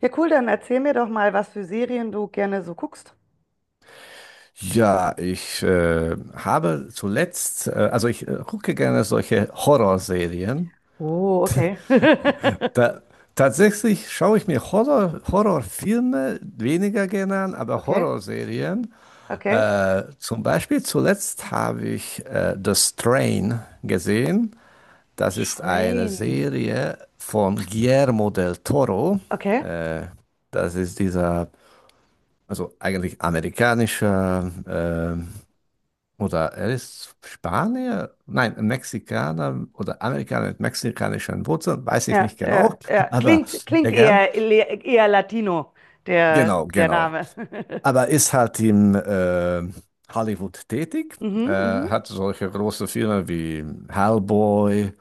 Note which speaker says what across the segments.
Speaker 1: Ja, cool, dann erzähl mir doch mal, was für Serien du gerne so guckst.
Speaker 2: Ja, ich habe zuletzt, also ich gucke gerne solche Horrorserien.
Speaker 1: Oh, okay.
Speaker 2: Da, tatsächlich schaue ich mir Horrorfilme weniger gerne an, aber
Speaker 1: Okay,
Speaker 2: Horrorserien.
Speaker 1: okay.
Speaker 2: Zum Beispiel zuletzt habe ich The Strain gesehen. Das ist eine
Speaker 1: Train.
Speaker 2: Serie von Guillermo del Toro.
Speaker 1: Okay.
Speaker 2: Äh, das ist also eigentlich amerikanischer, oder er ist Spanier? Nein, ein Mexikaner oder Amerikaner mit mexikanischen Wurzeln, weiß ich
Speaker 1: Ja,
Speaker 2: nicht
Speaker 1: ja,
Speaker 2: genau,
Speaker 1: ja.
Speaker 2: aber
Speaker 1: Klingt, klingt
Speaker 2: egal.
Speaker 1: eher, eher Latino, der,
Speaker 2: Genau,
Speaker 1: der
Speaker 2: genau.
Speaker 1: Name.
Speaker 2: Aber ist halt in Hollywood tätig,
Speaker 1: Mhm, mhm.
Speaker 2: hat solche große Filme wie Hellboy.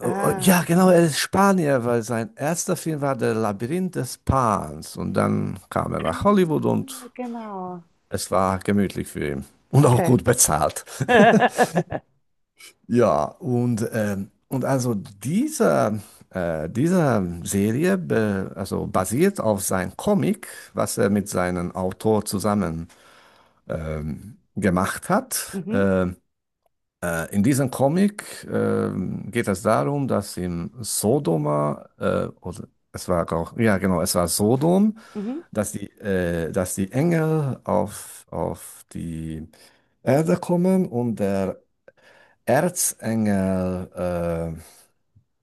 Speaker 2: Oh, oh, ja,
Speaker 1: Ah,
Speaker 2: genau, er ist Spanier, weil sein erster Film war Der Labyrinth des Pans. Und dann kam er
Speaker 1: ah,
Speaker 2: nach Hollywood und
Speaker 1: genau.
Speaker 2: es war gemütlich für ihn. Und auch
Speaker 1: Okay.
Speaker 2: gut bezahlt. Ja, und also dieser Serie also basiert auf seinem Comic, was er mit seinem Autor zusammen gemacht hat.
Speaker 1: Mhm,
Speaker 2: In diesem Comic geht es darum, dass im Sodoma, oder es war auch, ja genau, es war Sodom,
Speaker 1: mhm.
Speaker 2: dass dass die Engel auf die Erde kommen und der Erzengel,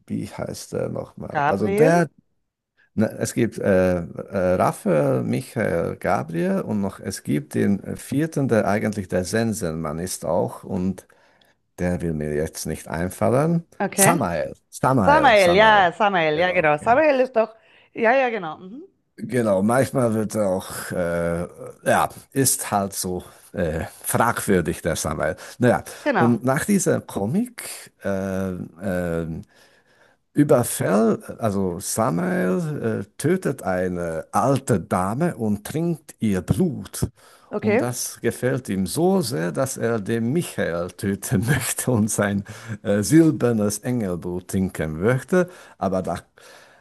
Speaker 2: wie heißt er nochmal? Also
Speaker 1: Gabriel.
Speaker 2: der, na, es gibt Raphael, Michael, Gabriel und noch, es gibt den vierten, der eigentlich der Sensenmann ist auch und der will mir jetzt nicht einfallen.
Speaker 1: Okay.
Speaker 2: Samael.
Speaker 1: Samael, ja,
Speaker 2: Genau,
Speaker 1: genau.
Speaker 2: okay.
Speaker 1: Samael ist doch, ja, ja, genau. Mhm.
Speaker 2: Genau, manchmal wird er auch, ja, ist halt so fragwürdig, der Samuel. Naja,
Speaker 1: Genau.
Speaker 2: und nach dieser Comic also Samuel tötet eine alte Dame und trinkt ihr Blut. Und
Speaker 1: Okay.
Speaker 2: das gefällt ihm so sehr, dass er den Michael töten möchte und sein silbernes Engelblut trinken möchte. Aber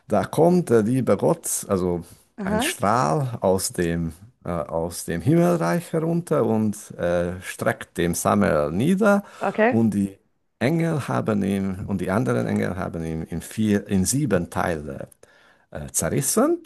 Speaker 2: da kommt der liebe Gott, also ein
Speaker 1: Aha.
Speaker 2: Strahl aus dem, aus dem Himmelreich herunter und streckt dem Samuel nieder.
Speaker 1: Okay.
Speaker 2: Und die Engel haben ihn und die anderen Engel haben ihn in in sieben Teile zerrissen.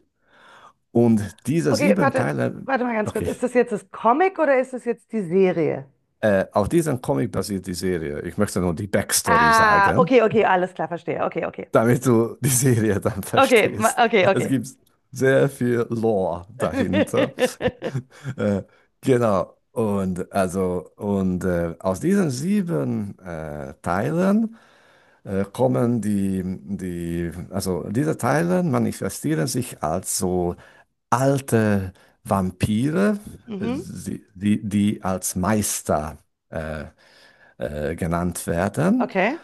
Speaker 2: Und diese
Speaker 1: Okay,
Speaker 2: sieben
Speaker 1: warte,
Speaker 2: Teile,
Speaker 1: warte mal ganz kurz.
Speaker 2: okay,
Speaker 1: Ist das jetzt das Comic oder ist das jetzt die Serie?
Speaker 2: auf diesen Comic basiert die Serie. Ich möchte nur die Backstory
Speaker 1: Ah,
Speaker 2: sagen,
Speaker 1: okay, okay, alles klar, verstehe. Okay, okay.
Speaker 2: damit du die Serie dann
Speaker 1: Okay,
Speaker 2: verstehst.
Speaker 1: okay,
Speaker 2: Es
Speaker 1: okay.
Speaker 2: gibt sehr viel Lore dahinter. äh, genau. Und also, aus diesen sieben Teilen kommen also diese Teile manifestieren sich als so alte Vampire,
Speaker 1: Mhm.
Speaker 2: die als Meister äh, genannt werden.
Speaker 1: Okay,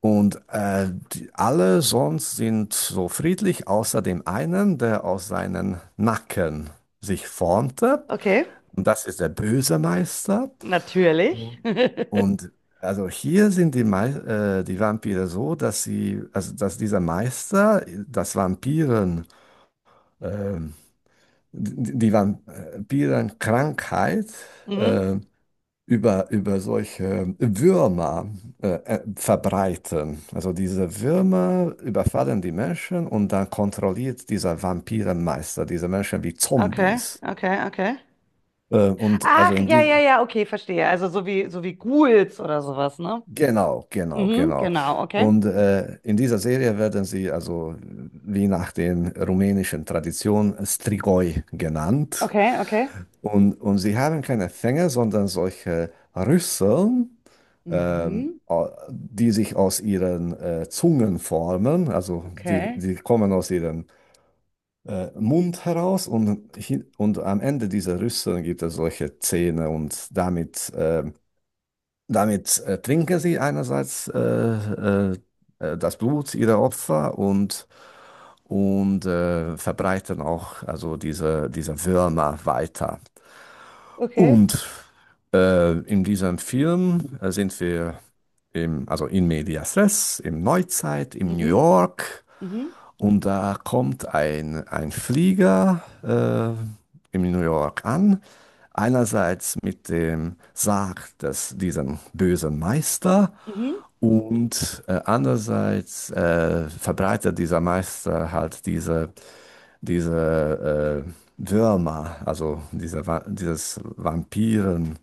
Speaker 2: Und alle sonst sind so friedlich, außer dem einen, der aus seinen Nacken sich formte.
Speaker 1: okay.
Speaker 2: Und das ist der böse Meister.
Speaker 1: Natürlich.
Speaker 2: Mhm. Und also hier sind die Vampire so, dass sie, also dass dieser Meister das Vampiren, ähm, die Vampirenkrankheit
Speaker 1: Mhm.
Speaker 2: äh, über solche Würmer äh, verbreiten. Also diese Würmer überfallen die Menschen und dann kontrolliert dieser Vampirenmeister diese Menschen wie
Speaker 1: Okay,
Speaker 2: Zombies.
Speaker 1: okay, okay.
Speaker 2: Und also
Speaker 1: Ach,
Speaker 2: in
Speaker 1: ja, ja,
Speaker 2: die,
Speaker 1: ja, okay, verstehe. Also so wie Ghouls oder sowas, ne?
Speaker 2: genau, genau,
Speaker 1: Mhm,
Speaker 2: genau.
Speaker 1: genau, okay.
Speaker 2: Und in dieser Serie werden sie also wie nach den rumänischen Traditionen Strigoi genannt.
Speaker 1: Okay, okay.
Speaker 2: Und sie haben keine Fänge, sondern solche Rüsseln,
Speaker 1: Mhm,
Speaker 2: die sich aus ihren Zungen formen. Also
Speaker 1: okay.
Speaker 2: die kommen aus ihrem Mund heraus und, und am Ende dieser Rüsseln gibt es solche Zähne und damit trinken sie einerseits das Blut ihrer Opfer und verbreiten auch also diese Würmer weiter.
Speaker 1: Okay.
Speaker 2: Und in diesem Film sind wir also in medias res, im Neuzeit, in New
Speaker 1: Mhm,
Speaker 2: York.
Speaker 1: mhm,
Speaker 2: Und da kommt ein Flieger in New York an. Einerseits mit dem Sarg des, diesen bösen Meister
Speaker 1: mhm.
Speaker 2: und andererseits verbreitet dieser Meister halt diese Würmer, also dieses Vampirenkrankheit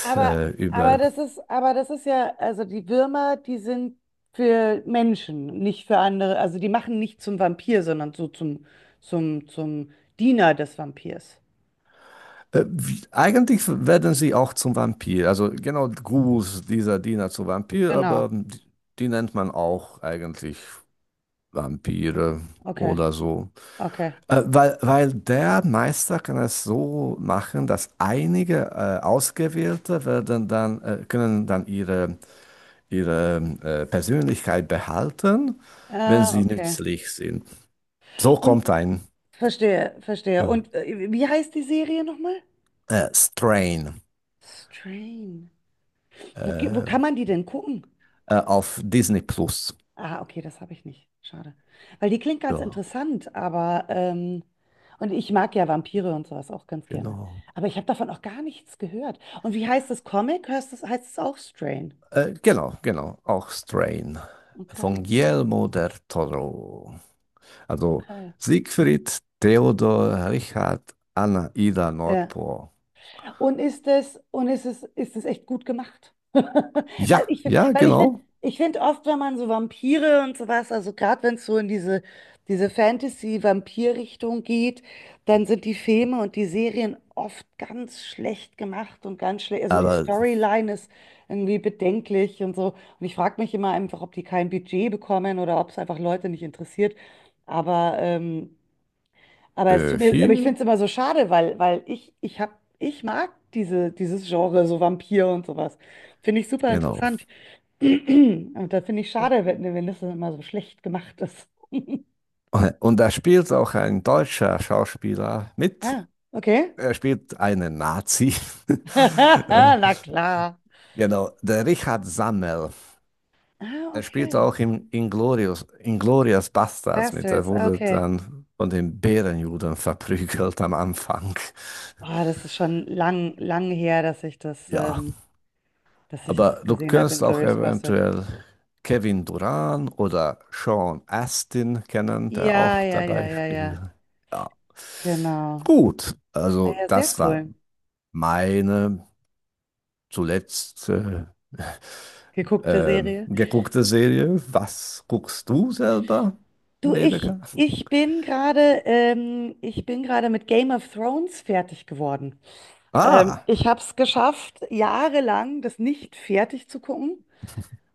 Speaker 1: Aber, aber
Speaker 2: über.
Speaker 1: das ist, aber das ist ja, also die Würmer, die sind für Menschen, nicht für andere. Also die machen nicht zum Vampir, sondern so zum Diener des Vampirs.
Speaker 2: Eigentlich werden sie auch zum Vampir, also genau Gus, dieser Diener zu Vampir, aber
Speaker 1: Genau.
Speaker 2: die nennt man auch eigentlich Vampire
Speaker 1: Okay.
Speaker 2: oder so.
Speaker 1: Okay.
Speaker 2: Weil der Meister kann es so machen, dass einige Ausgewählte werden dann, können dann ihre Persönlichkeit behalten, wenn
Speaker 1: Ah,
Speaker 2: sie
Speaker 1: okay.
Speaker 2: nützlich sind. So kommt
Speaker 1: Und
Speaker 2: ein
Speaker 1: verstehe, verstehe.
Speaker 2: ja.
Speaker 1: Und wie heißt die Serie nochmal?
Speaker 2: Strain,
Speaker 1: Strain. Wo
Speaker 2: äh,
Speaker 1: kann man die denn gucken?
Speaker 2: auf Disney Plus.
Speaker 1: Ah, okay, das habe ich nicht. Schade. Weil die klingt ganz
Speaker 2: Ja,
Speaker 1: interessant, aber und ich mag ja Vampire und sowas auch ganz gerne.
Speaker 2: genau.
Speaker 1: Aber ich habe davon auch gar nichts gehört. Und wie heißt das Comic? Hörst das, heißt es auch Strain?
Speaker 2: Genau. Auch Strain von
Speaker 1: Okay,
Speaker 2: Guillermo del Toro. Also
Speaker 1: okay.
Speaker 2: Siegfried, Theodor, Richard, Anna, Ida,
Speaker 1: Ja.
Speaker 2: Nordpol.
Speaker 1: Und ist es echt gut gemacht? Weil
Speaker 2: Ja, ja, genau.
Speaker 1: ich finde oft, wenn man so Vampire und sowas, also gerade wenn es so in diese Fantasy-Vampir-Richtung geht, dann sind die Filme und die Serien oft ganz schlecht gemacht und ganz schlecht. Also die
Speaker 2: Aber
Speaker 1: Storyline ist irgendwie bedenklich und so. Und ich frage mich immer einfach, ob die kein Budget bekommen oder ob es einfach Leute nicht interessiert. Aber aber es tut
Speaker 2: äh,
Speaker 1: mir, aber ich
Speaker 2: hier,
Speaker 1: finde es immer so schade, weil ich hab, ich mag dieses Genre, so Vampir und sowas. Finde ich super
Speaker 2: genau.
Speaker 1: interessant. Und da finde ich schade, wenn das dann immer so schlecht gemacht ist.
Speaker 2: Und da spielt auch ein deutscher Schauspieler mit.
Speaker 1: Ah, okay.
Speaker 2: Er spielt einen Nazi. Äh,
Speaker 1: Na klar.
Speaker 2: genau, der Richard Sammel.
Speaker 1: Ah,
Speaker 2: Er spielt
Speaker 1: okay.
Speaker 2: auch im Inglourious Basterds mit. Er
Speaker 1: Bastards, ah,
Speaker 2: wurde
Speaker 1: okay.
Speaker 2: dann von den Bärenjuden verprügelt am Anfang.
Speaker 1: Oh, das ist schon lang her, dass
Speaker 2: Ja,
Speaker 1: dass ich
Speaker 2: aber
Speaker 1: das
Speaker 2: du
Speaker 1: gesehen habe
Speaker 2: kannst
Speaker 1: in
Speaker 2: auch
Speaker 1: Glorious Bastard.
Speaker 2: eventuell Kevin Durant oder Sean Astin kennen, der
Speaker 1: Ja,
Speaker 2: auch
Speaker 1: ja, ja,
Speaker 2: dabei
Speaker 1: ja,
Speaker 2: spielt.
Speaker 1: ja.
Speaker 2: Ja.
Speaker 1: Genau.
Speaker 2: Gut,
Speaker 1: Ah,
Speaker 2: also
Speaker 1: ja, sehr
Speaker 2: das war
Speaker 1: cool.
Speaker 2: meine zuletzt
Speaker 1: Geguckte Serie.
Speaker 2: geguckte Serie. Was guckst du selber,
Speaker 1: Du,
Speaker 2: Rebecca?
Speaker 1: ich bin gerade mit Game of Thrones fertig geworden.
Speaker 2: Ah,
Speaker 1: Ich habe es geschafft, jahrelang das nicht fertig zu gucken.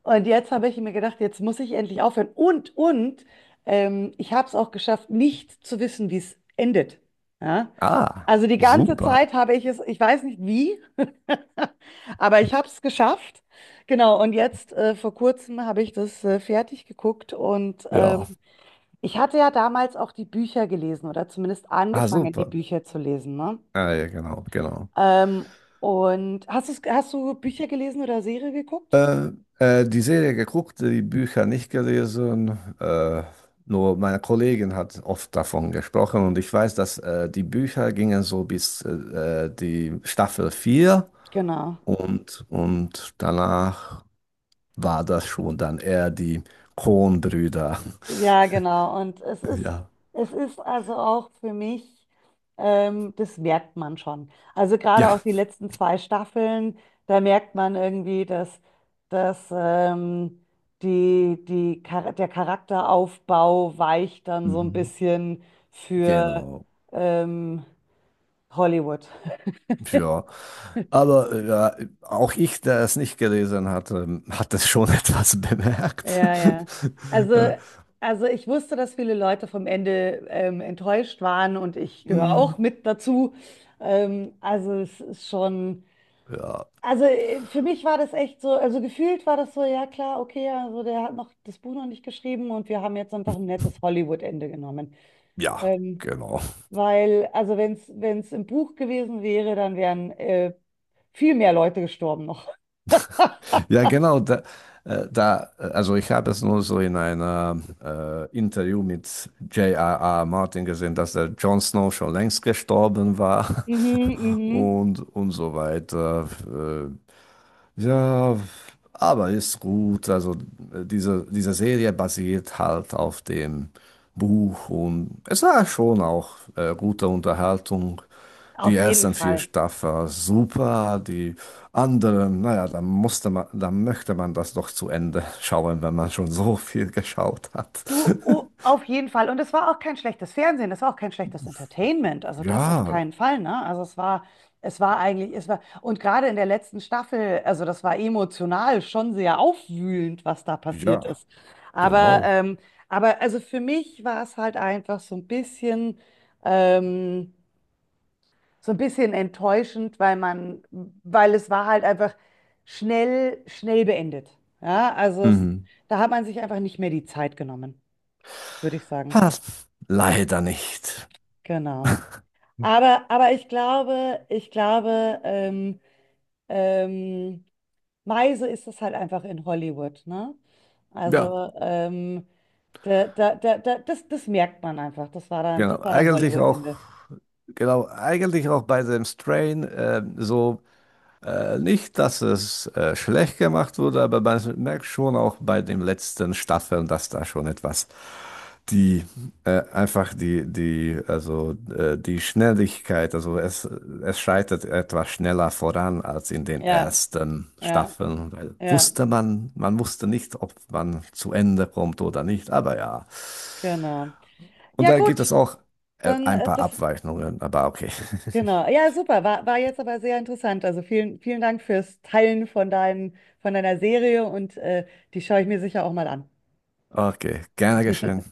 Speaker 1: Und jetzt habe ich mir gedacht, jetzt muss ich endlich aufhören. Und ich habe es auch geschafft, nicht zu wissen, wie es endet. Ja?
Speaker 2: ah,
Speaker 1: Also die ganze
Speaker 2: super.
Speaker 1: Zeit habe ich es, ich weiß nicht wie, aber ich habe es geschafft. Genau, und jetzt vor kurzem habe ich das fertig geguckt und
Speaker 2: Ja,
Speaker 1: ähm, ich hatte ja damals auch die Bücher gelesen oder zumindest
Speaker 2: ah,
Speaker 1: angefangen, die
Speaker 2: super.
Speaker 1: Bücher zu lesen, ne?
Speaker 2: Ah, ja, genau, genau.
Speaker 1: Ähm, und hast du Bücher gelesen oder Serie geguckt?
Speaker 2: Die Serie geguckt, die Bücher nicht gelesen. Nur meine Kollegin hat oft davon gesprochen und ich weiß, dass die Bücher gingen so bis die Staffel 4
Speaker 1: Genau.
Speaker 2: und danach war das schon dann eher die Coen-Brüder.
Speaker 1: Ja, genau. Und
Speaker 2: Ja,
Speaker 1: es ist also auch für mich, das merkt man schon. Also gerade
Speaker 2: ja,
Speaker 1: auch die letzten zwei Staffeln, da merkt man irgendwie, dass der Charakteraufbau weicht dann so ein
Speaker 2: mhm,
Speaker 1: bisschen für.
Speaker 2: genau.
Speaker 1: ähm, Hollywood.
Speaker 2: Ja, aber ja, auch ich, der es nicht gelesen hatte, hat es schon etwas bemerkt.
Speaker 1: Ja, ja. Also,
Speaker 2: Äh,
Speaker 1: also ich wusste, dass viele Leute vom Ende enttäuscht waren und ich gehöre
Speaker 2: hm.
Speaker 1: auch mit dazu. Also es ist schon,
Speaker 2: Ja,
Speaker 1: also für mich war das echt so, also gefühlt war das so, ja klar, okay, also der hat noch das Buch noch nicht geschrieben und wir haben jetzt einfach ein nettes Hollywood-Ende genommen.
Speaker 2: ja,
Speaker 1: Ähm,
Speaker 2: genau.
Speaker 1: weil, also wenn es im Buch gewesen wäre, dann wären viel mehr Leute gestorben noch.
Speaker 2: Ja, genau. Da, also ich habe es nur so in einem Interview mit J J.R.R. Martin gesehen, dass der Jon Snow schon längst gestorben war
Speaker 1: Mhm, mhm.
Speaker 2: und so weiter. Ja, aber ist gut. Also diese Serie basiert halt auf dem Buch und es war schon auch gute Unterhaltung. Die
Speaker 1: Auf jeden
Speaker 2: ersten vier
Speaker 1: Fall.
Speaker 2: Staffeln super, die anderen, naja, da musste man, da möchte man das doch zu Ende schauen, wenn man schon so viel geschaut hat.
Speaker 1: Du, oh, auf jeden Fall. Und es war auch kein schlechtes Fernsehen, es war auch kein schlechtes Entertainment. Also das auf
Speaker 2: Ja,
Speaker 1: keinen Fall, ne? Also es war eigentlich, es war, und gerade in der letzten Staffel, also das war emotional schon sehr aufwühlend, was da passiert
Speaker 2: ja,
Speaker 1: ist. Aber,
Speaker 2: genau.
Speaker 1: ähm, aber also für mich war es halt einfach ähm, so ein bisschen enttäuschend, weil man, weil es war halt einfach schnell beendet. Ja, also es,
Speaker 2: Mhm.
Speaker 1: da hat man sich einfach nicht mehr die Zeit genommen, würde ich sagen.
Speaker 2: Ha, leider nicht.
Speaker 1: Genau. Aber, ich glaube, ähm, Meise ist es halt einfach in Hollywood, ne?
Speaker 2: Ja,
Speaker 1: Also, das merkt man einfach. Das
Speaker 2: genau.
Speaker 1: war dann
Speaker 2: Eigentlich auch,
Speaker 1: Hollywood-Ende.
Speaker 2: genau, eigentlich auch bei dem Strain nicht, dass es schlecht gemacht wurde, aber man merkt schon auch bei den letzten Staffeln, dass da schon etwas die einfach die, die, also die Schnelligkeit, also es schreitet etwas schneller voran als in den
Speaker 1: Ja,
Speaker 2: ersten
Speaker 1: ja,
Speaker 2: Staffeln, weil
Speaker 1: ja,
Speaker 2: wusste man, man wusste nicht, ob man zu Ende kommt oder nicht, aber ja.
Speaker 1: genau.
Speaker 2: Und
Speaker 1: Ja,
Speaker 2: da gibt es
Speaker 1: gut,
Speaker 2: auch
Speaker 1: dann
Speaker 2: ein paar Abweichungen, aber okay.
Speaker 1: genau. Ja, super. War, war jetzt aber sehr interessant. Also vielen, vielen Dank fürs Teilen von von deiner Serie und die schaue ich mir sicher auch mal an.
Speaker 2: Okay, gerne geschehen.